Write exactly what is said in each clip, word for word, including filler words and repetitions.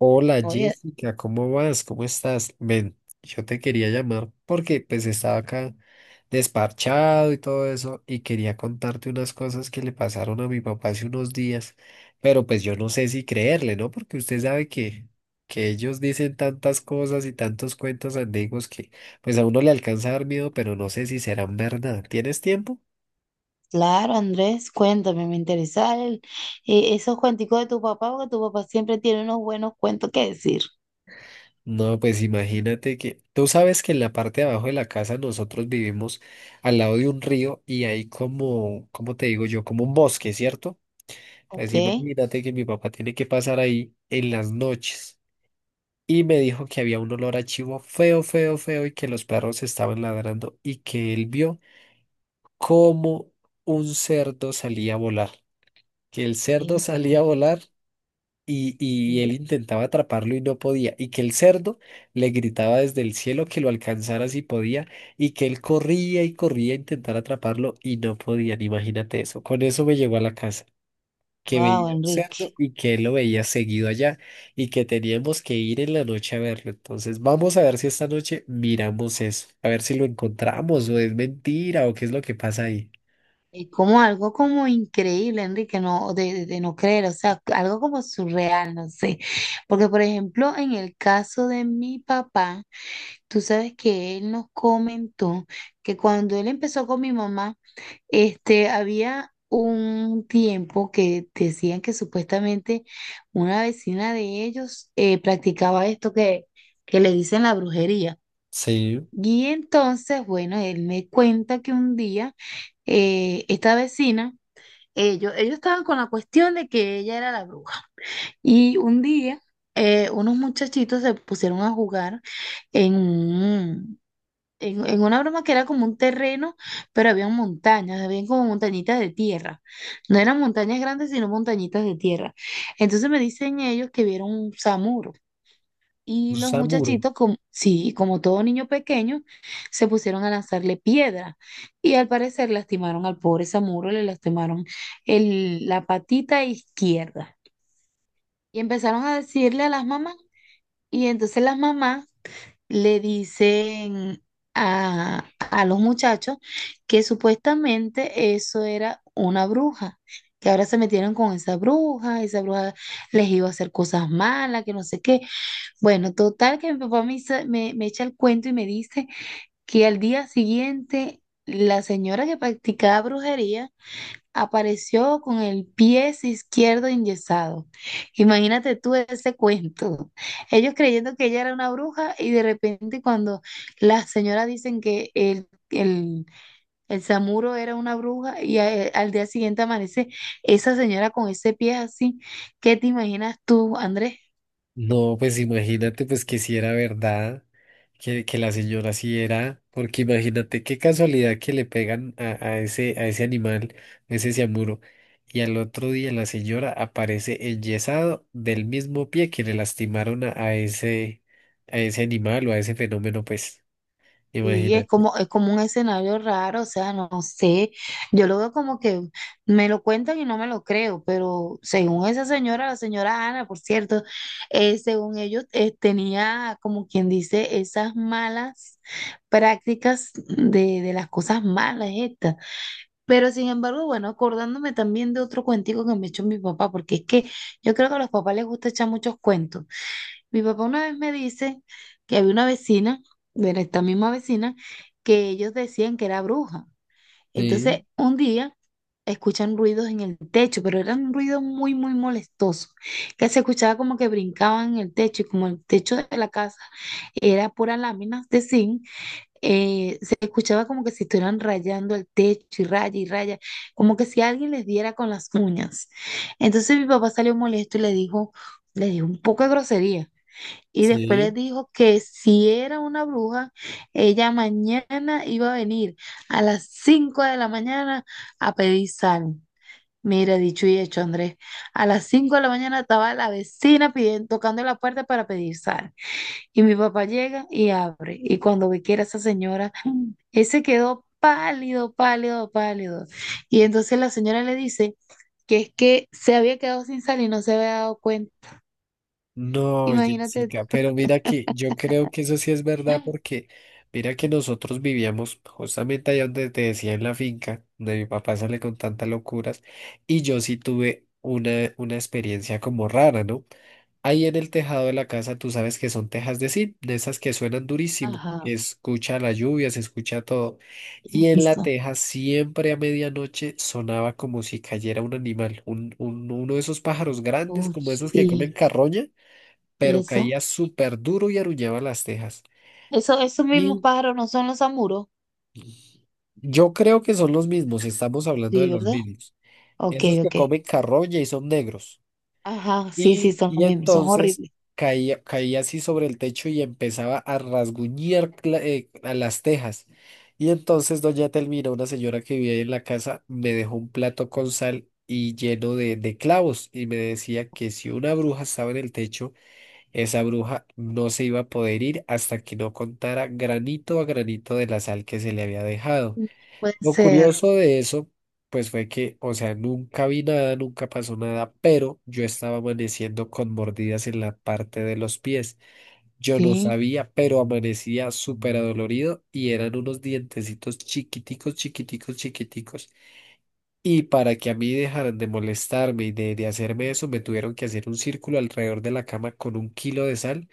Hola Oye, Jessica, ¿cómo vas? ¿Cómo estás? Ven, yo te quería llamar porque pues estaba acá desparchado y todo eso y quería contarte unas cosas que le pasaron a mi papá hace unos días, pero pues yo no sé si creerle, ¿no? Porque usted sabe que, que ellos dicen tantas cosas y tantos cuentos antiguos que pues a uno le alcanza a dar miedo, pero no sé si serán verdad. ¿Tienes tiempo? claro, Andrés, cuéntame, me interesa el- eh, esos cuenticos de tu papá, porque tu papá siempre tiene unos buenos cuentos que decir, No, pues imagínate que tú sabes que en la parte de abajo de la casa nosotros vivimos al lado de un río y hay como, ¿cómo te digo yo? Como un bosque, ¿cierto? Pues ¿ok? imagínate que mi papá tiene que pasar ahí en las noches y me dijo que había un olor a chivo feo, feo, feo y que los perros estaban ladrando y que él vio como un cerdo salía a volar, que el cerdo salía a volar y, y él intentaba atraparlo y no podía, y que el cerdo le gritaba desde el cielo que lo alcanzara si podía, y que él corría y corría a intentar atraparlo y no podían, imagínate eso. Con eso me llegó a la casa, que Wow, veía un cerdo Enrique. y que él lo veía seguido allá y que teníamos que ir en la noche a verlo. Entonces, vamos a ver si esta noche miramos eso, a ver si lo encontramos o es mentira o qué es lo que pasa ahí. Es como algo como increíble, Enrique, no, de, de- de no creer, o sea, algo como surreal, no sé. Porque, por ejemplo, en el caso de mi papá, tú sabes que él nos comentó que cuando él empezó con mi mamá, este, había un tiempo que decían que supuestamente una vecina de ellos eh, practicaba esto que, que le dicen la brujería. Sí, Y entonces, bueno, él me cuenta que un día eh, esta vecina, ellos, ellos estaban con la cuestión de que ella era la bruja. Y un día, eh, unos muchachitos se pusieron a jugar en un, en, en una broma que era como un terreno, pero había montañas, había como montañitas de tierra. No eran montañas grandes, sino montañitas de tierra. Entonces me dicen ellos que vieron un samuro. un Y los samuro. muchachitos, como, sí, como todo niño pequeño, se pusieron a lanzarle piedra. Y al parecer lastimaron al pobre samuro, le lastimaron el, la patita izquierda. Y empezaron a decirle a las mamás. Y entonces las mamás le dicen a, a los muchachos que supuestamente eso era una bruja, que ahora se metieron con esa bruja, esa bruja les iba a hacer cosas malas, que no sé qué. Bueno, total que mi papá me, hizo- me, me echa el cuento y me dice que al día siguiente la señora que practicaba brujería apareció con el pie izquierdo enyesado. Imagínate tú ese cuento. Ellos creyendo que ella era una bruja y de repente cuando las señoras dicen que el, el, el samuro era una bruja y a- eh, al día siguiente amanece esa señora con ese pie así, ¿qué te imaginas tú, Andrés? No, pues imagínate pues que si era verdad, que, que la señora sí era, porque imagínate qué casualidad que le pegan a, a ese, a ese animal, a ese ciamuro, y al otro día la señora aparece enyesado del mismo pie que le lastimaron a, a ese, a ese animal o a ese fenómeno, pues, Sí, es imagínate. como, es como un escenario raro, o sea, no no sé, yo lo veo como que me lo cuentan y no me lo creo, pero según esa señora, la señora Ana, por cierto, eh, según ellos, eh, tenía como quien dice esas malas prácticas de, de las cosas malas estas. Pero sin embargo, bueno, acordándome también de otro cuentico que me echó mi papá, porque es que yo creo que a los papás les gusta echar muchos cuentos. Mi papá una vez me dice que había una vecina, bueno, esta misma vecina, que ellos decían que era bruja. Sí, Entonces, un día escuchan ruidos en el techo, pero eran ruidos muy, muy molestosos, que se escuchaba como que brincaban en el techo y como el techo de la casa era pura láminas de zinc, eh, se escuchaba como que si estuvieran rayando el techo y raya y raya, como que si alguien les diera con las uñas. Entonces mi papá salió molesto y le dijo, le dijo un poco de grosería. Y después les sí. dijo que si era una bruja, ella mañana iba a venir a las cinco de la mañana a pedir sal. Mira, dicho y hecho, Andrés. A las cinco de la mañana estaba la vecina pidiendo, tocando la puerta para pedir sal. Y mi papá llega y abre. Y cuando ve que era esa señora, él se quedó pálido, pálido, pálido. Y entonces la señora le dice que es que se había quedado sin sal y no se había dado cuenta. No, Imagínate Jessica, tú. pero mira que yo creo que eso sí es verdad porque mira que nosotros vivíamos justamente allá donde te decía en la finca, donde mi papá sale con tantas locuras, y yo sí tuve una, una experiencia como rara, ¿no? Ahí en el tejado de la casa tú sabes que son tejas de zinc, de esas que suenan durísimo, Ajá. que escucha la lluvia, se escucha todo, y en la Eso. teja siempre a medianoche sonaba como si cayera un animal, un, un- uno de esos pájaros grandes Oh, como esos que sí, comen carroña pero eso. caía súper duro y arrullaba las tejas. Eso, esos mismos Y pájaros no son los samuros, yo creo que son los mismos, estamos hablando de sí, los ¿verdad? mismos. Ok, Esos que ok. comen carroña y son negros. Ajá, sí, sí, Y, son y los mismos, son entonces horribles. caía, caía así sobre el techo y empezaba a rasguñar cla- eh, a las tejas. Y entonces doña Telmira, una señora que vivía ahí en la casa, me dejó un plato con sal y lleno de, de clavos y me decía que si una bruja estaba en el techo, esa bruja no se iba a poder ir hasta que no contara granito a granito de la sal que se le había dejado. Mm, puede Lo ser, curioso de eso, pues fue que, o sea, nunca vi nada, nunca pasó nada, pero yo estaba amaneciendo con mordidas en la parte de los pies. Yo no sí. sabía, pero amanecía súper adolorido y eran unos dientecitos chiquiticos, chiquiticos, chiquiticos. Y para que a mí dejaran de molestarme y de, de hacerme eso, me tuvieron que hacer un círculo alrededor de la cama con un kilo de sal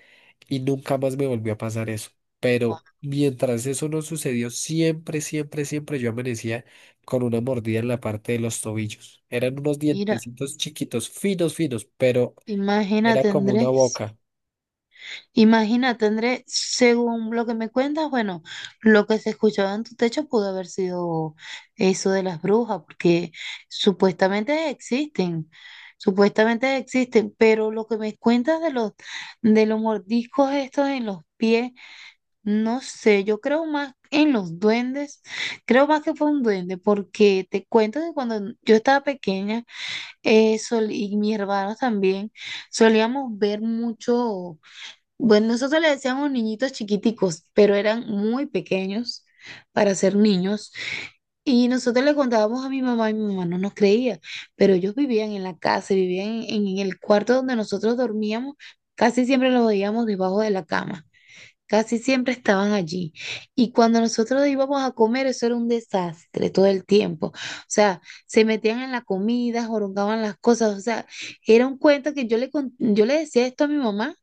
y nunca más me volvió a pasar eso. Pero Ah, mientras eso no sucedió, siempre, siempre, siempre yo amanecía con una mordida en la parte de los tobillos. Eran unos mira, dientecitos chiquitos, finos, finos, pero era imagínate, como una Andrés. boca. Imagínate, Andrés, según lo que me cuentas, bueno, lo que se escuchaba en tu techo pudo haber sido eso de las brujas, porque supuestamente existen, supuestamente existen, pero lo que me cuentas de los, de los mordiscos estos en los pies. No sé, yo creo más en los duendes, creo más que fue un duende, porque te cuento que cuando yo estaba pequeña eh, sol- y mis hermanos también, solíamos ver mucho, bueno, nosotros le decíamos niñitos chiquiticos, pero eran muy pequeños para ser niños, y nosotros le contábamos a mi mamá y mi mamá no nos creía, pero ellos vivían en la casa, vivían en en el cuarto donde nosotros dormíamos, casi siempre los veíamos debajo de la cama. Casi siempre estaban allí. Y cuando nosotros íbamos a comer, eso era un desastre todo el tiempo. O sea, se metían en la comida, jorongaban las cosas. O sea, era un cuento que yo le, con- yo le decía esto a mi mamá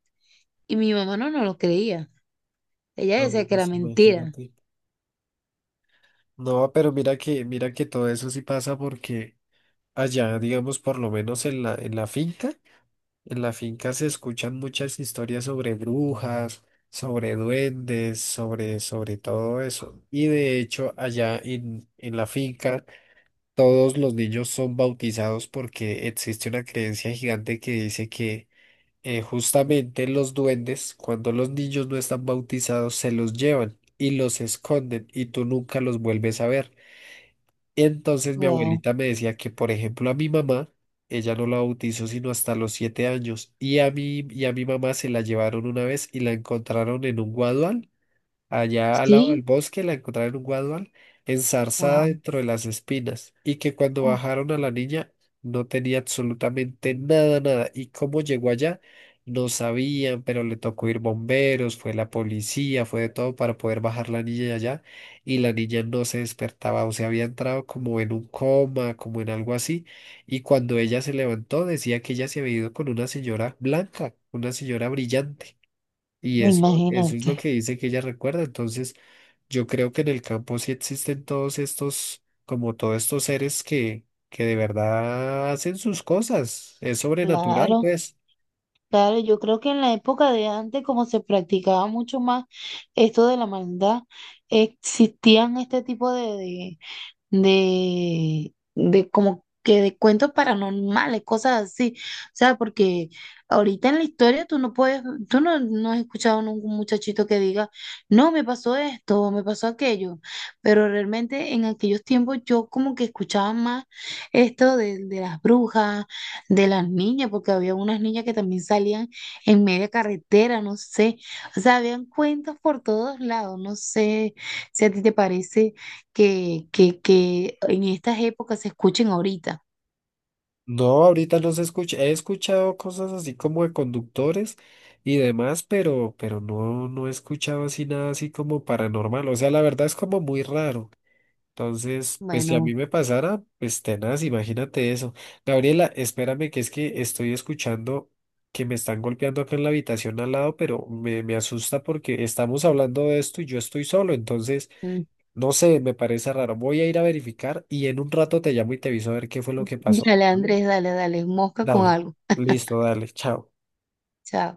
y mi mamá no, no lo creía. Ella decía No, que era pues mentira. imagínate. No, pero mira que, mira que todo eso sí pasa porque allá, digamos, por lo menos en la, en la finca. En la finca se escuchan muchas historias sobre brujas, sobre duendes, sobre, sobre todo eso. Y de hecho, allá en, en la finca, todos los niños son bautizados porque existe una creencia gigante que dice que eh, justamente los duendes, cuando los niños no están bautizados, se los llevan y los esconden y tú nunca los vuelves a ver. Entonces mi Wow. abuelita me decía que, por ejemplo, a mi mamá, ella no la bautizó sino hasta los siete años, y a mí y a mi mamá se la llevaron una vez y la encontraron en un guadual allá al lado Sí, del bosque la encontraron en un guadual, enzarzada wow. dentro de las espinas, y que cuando bajaron a la niña no tenía absolutamente nada, nada. ¿Y cómo llegó allá? No sabían, pero le tocó ir bomberos, fue la policía, fue de todo para poder bajar la niña de allá, y la niña no se despertaba, o sea, había entrado como en un coma, como en algo así, y cuando ella se levantó decía que ella se había ido con una señora blanca, una señora brillante. Y eso, eso es Imagínate. lo que dice que ella recuerda. Entonces, yo creo que en el campo sí existen todos estos, como todos estos seres que, que de verdad hacen sus cosas. Es sobrenatural, Claro, pues. claro. Yo creo que en la época de antes, como se practicaba mucho más esto de la maldad, existían este tipo de, de de, de como que de cuentos paranormales, cosas así. O sea, porque ahorita en la historia tú no puedes, tú no, no has escuchado ningún muchachito que diga, no, me pasó esto, me pasó aquello. Pero realmente en aquellos tiempos yo como que escuchaba más esto de, de las brujas, de las niñas, porque había unas niñas que también salían en media carretera, no sé. O sea, habían cuentos por todos lados, no sé si a ti te parece que, que, que en estas épocas se escuchen ahorita. No, ahorita no se escucha. He escuchado cosas así como de conductores y demás, pero, pero no, no he escuchado así nada así como paranormal. O sea, la verdad es como muy raro. Entonces, pues si a Bueno, mí me pasara, pues tenaz, imagínate eso. Gabriela, espérame que es que estoy escuchando que me están golpeando acá en la habitación al lado, pero me, me asusta porque estamos hablando de esto y yo estoy solo, entonces, mm, no sé, me parece raro. Voy a ir a verificar y en un rato te llamo y te aviso a ver qué fue lo que pasó. dale ¿Vale? Andrés, dale, dale, mosca con Dale, algo. listo, dale, chao. Chao.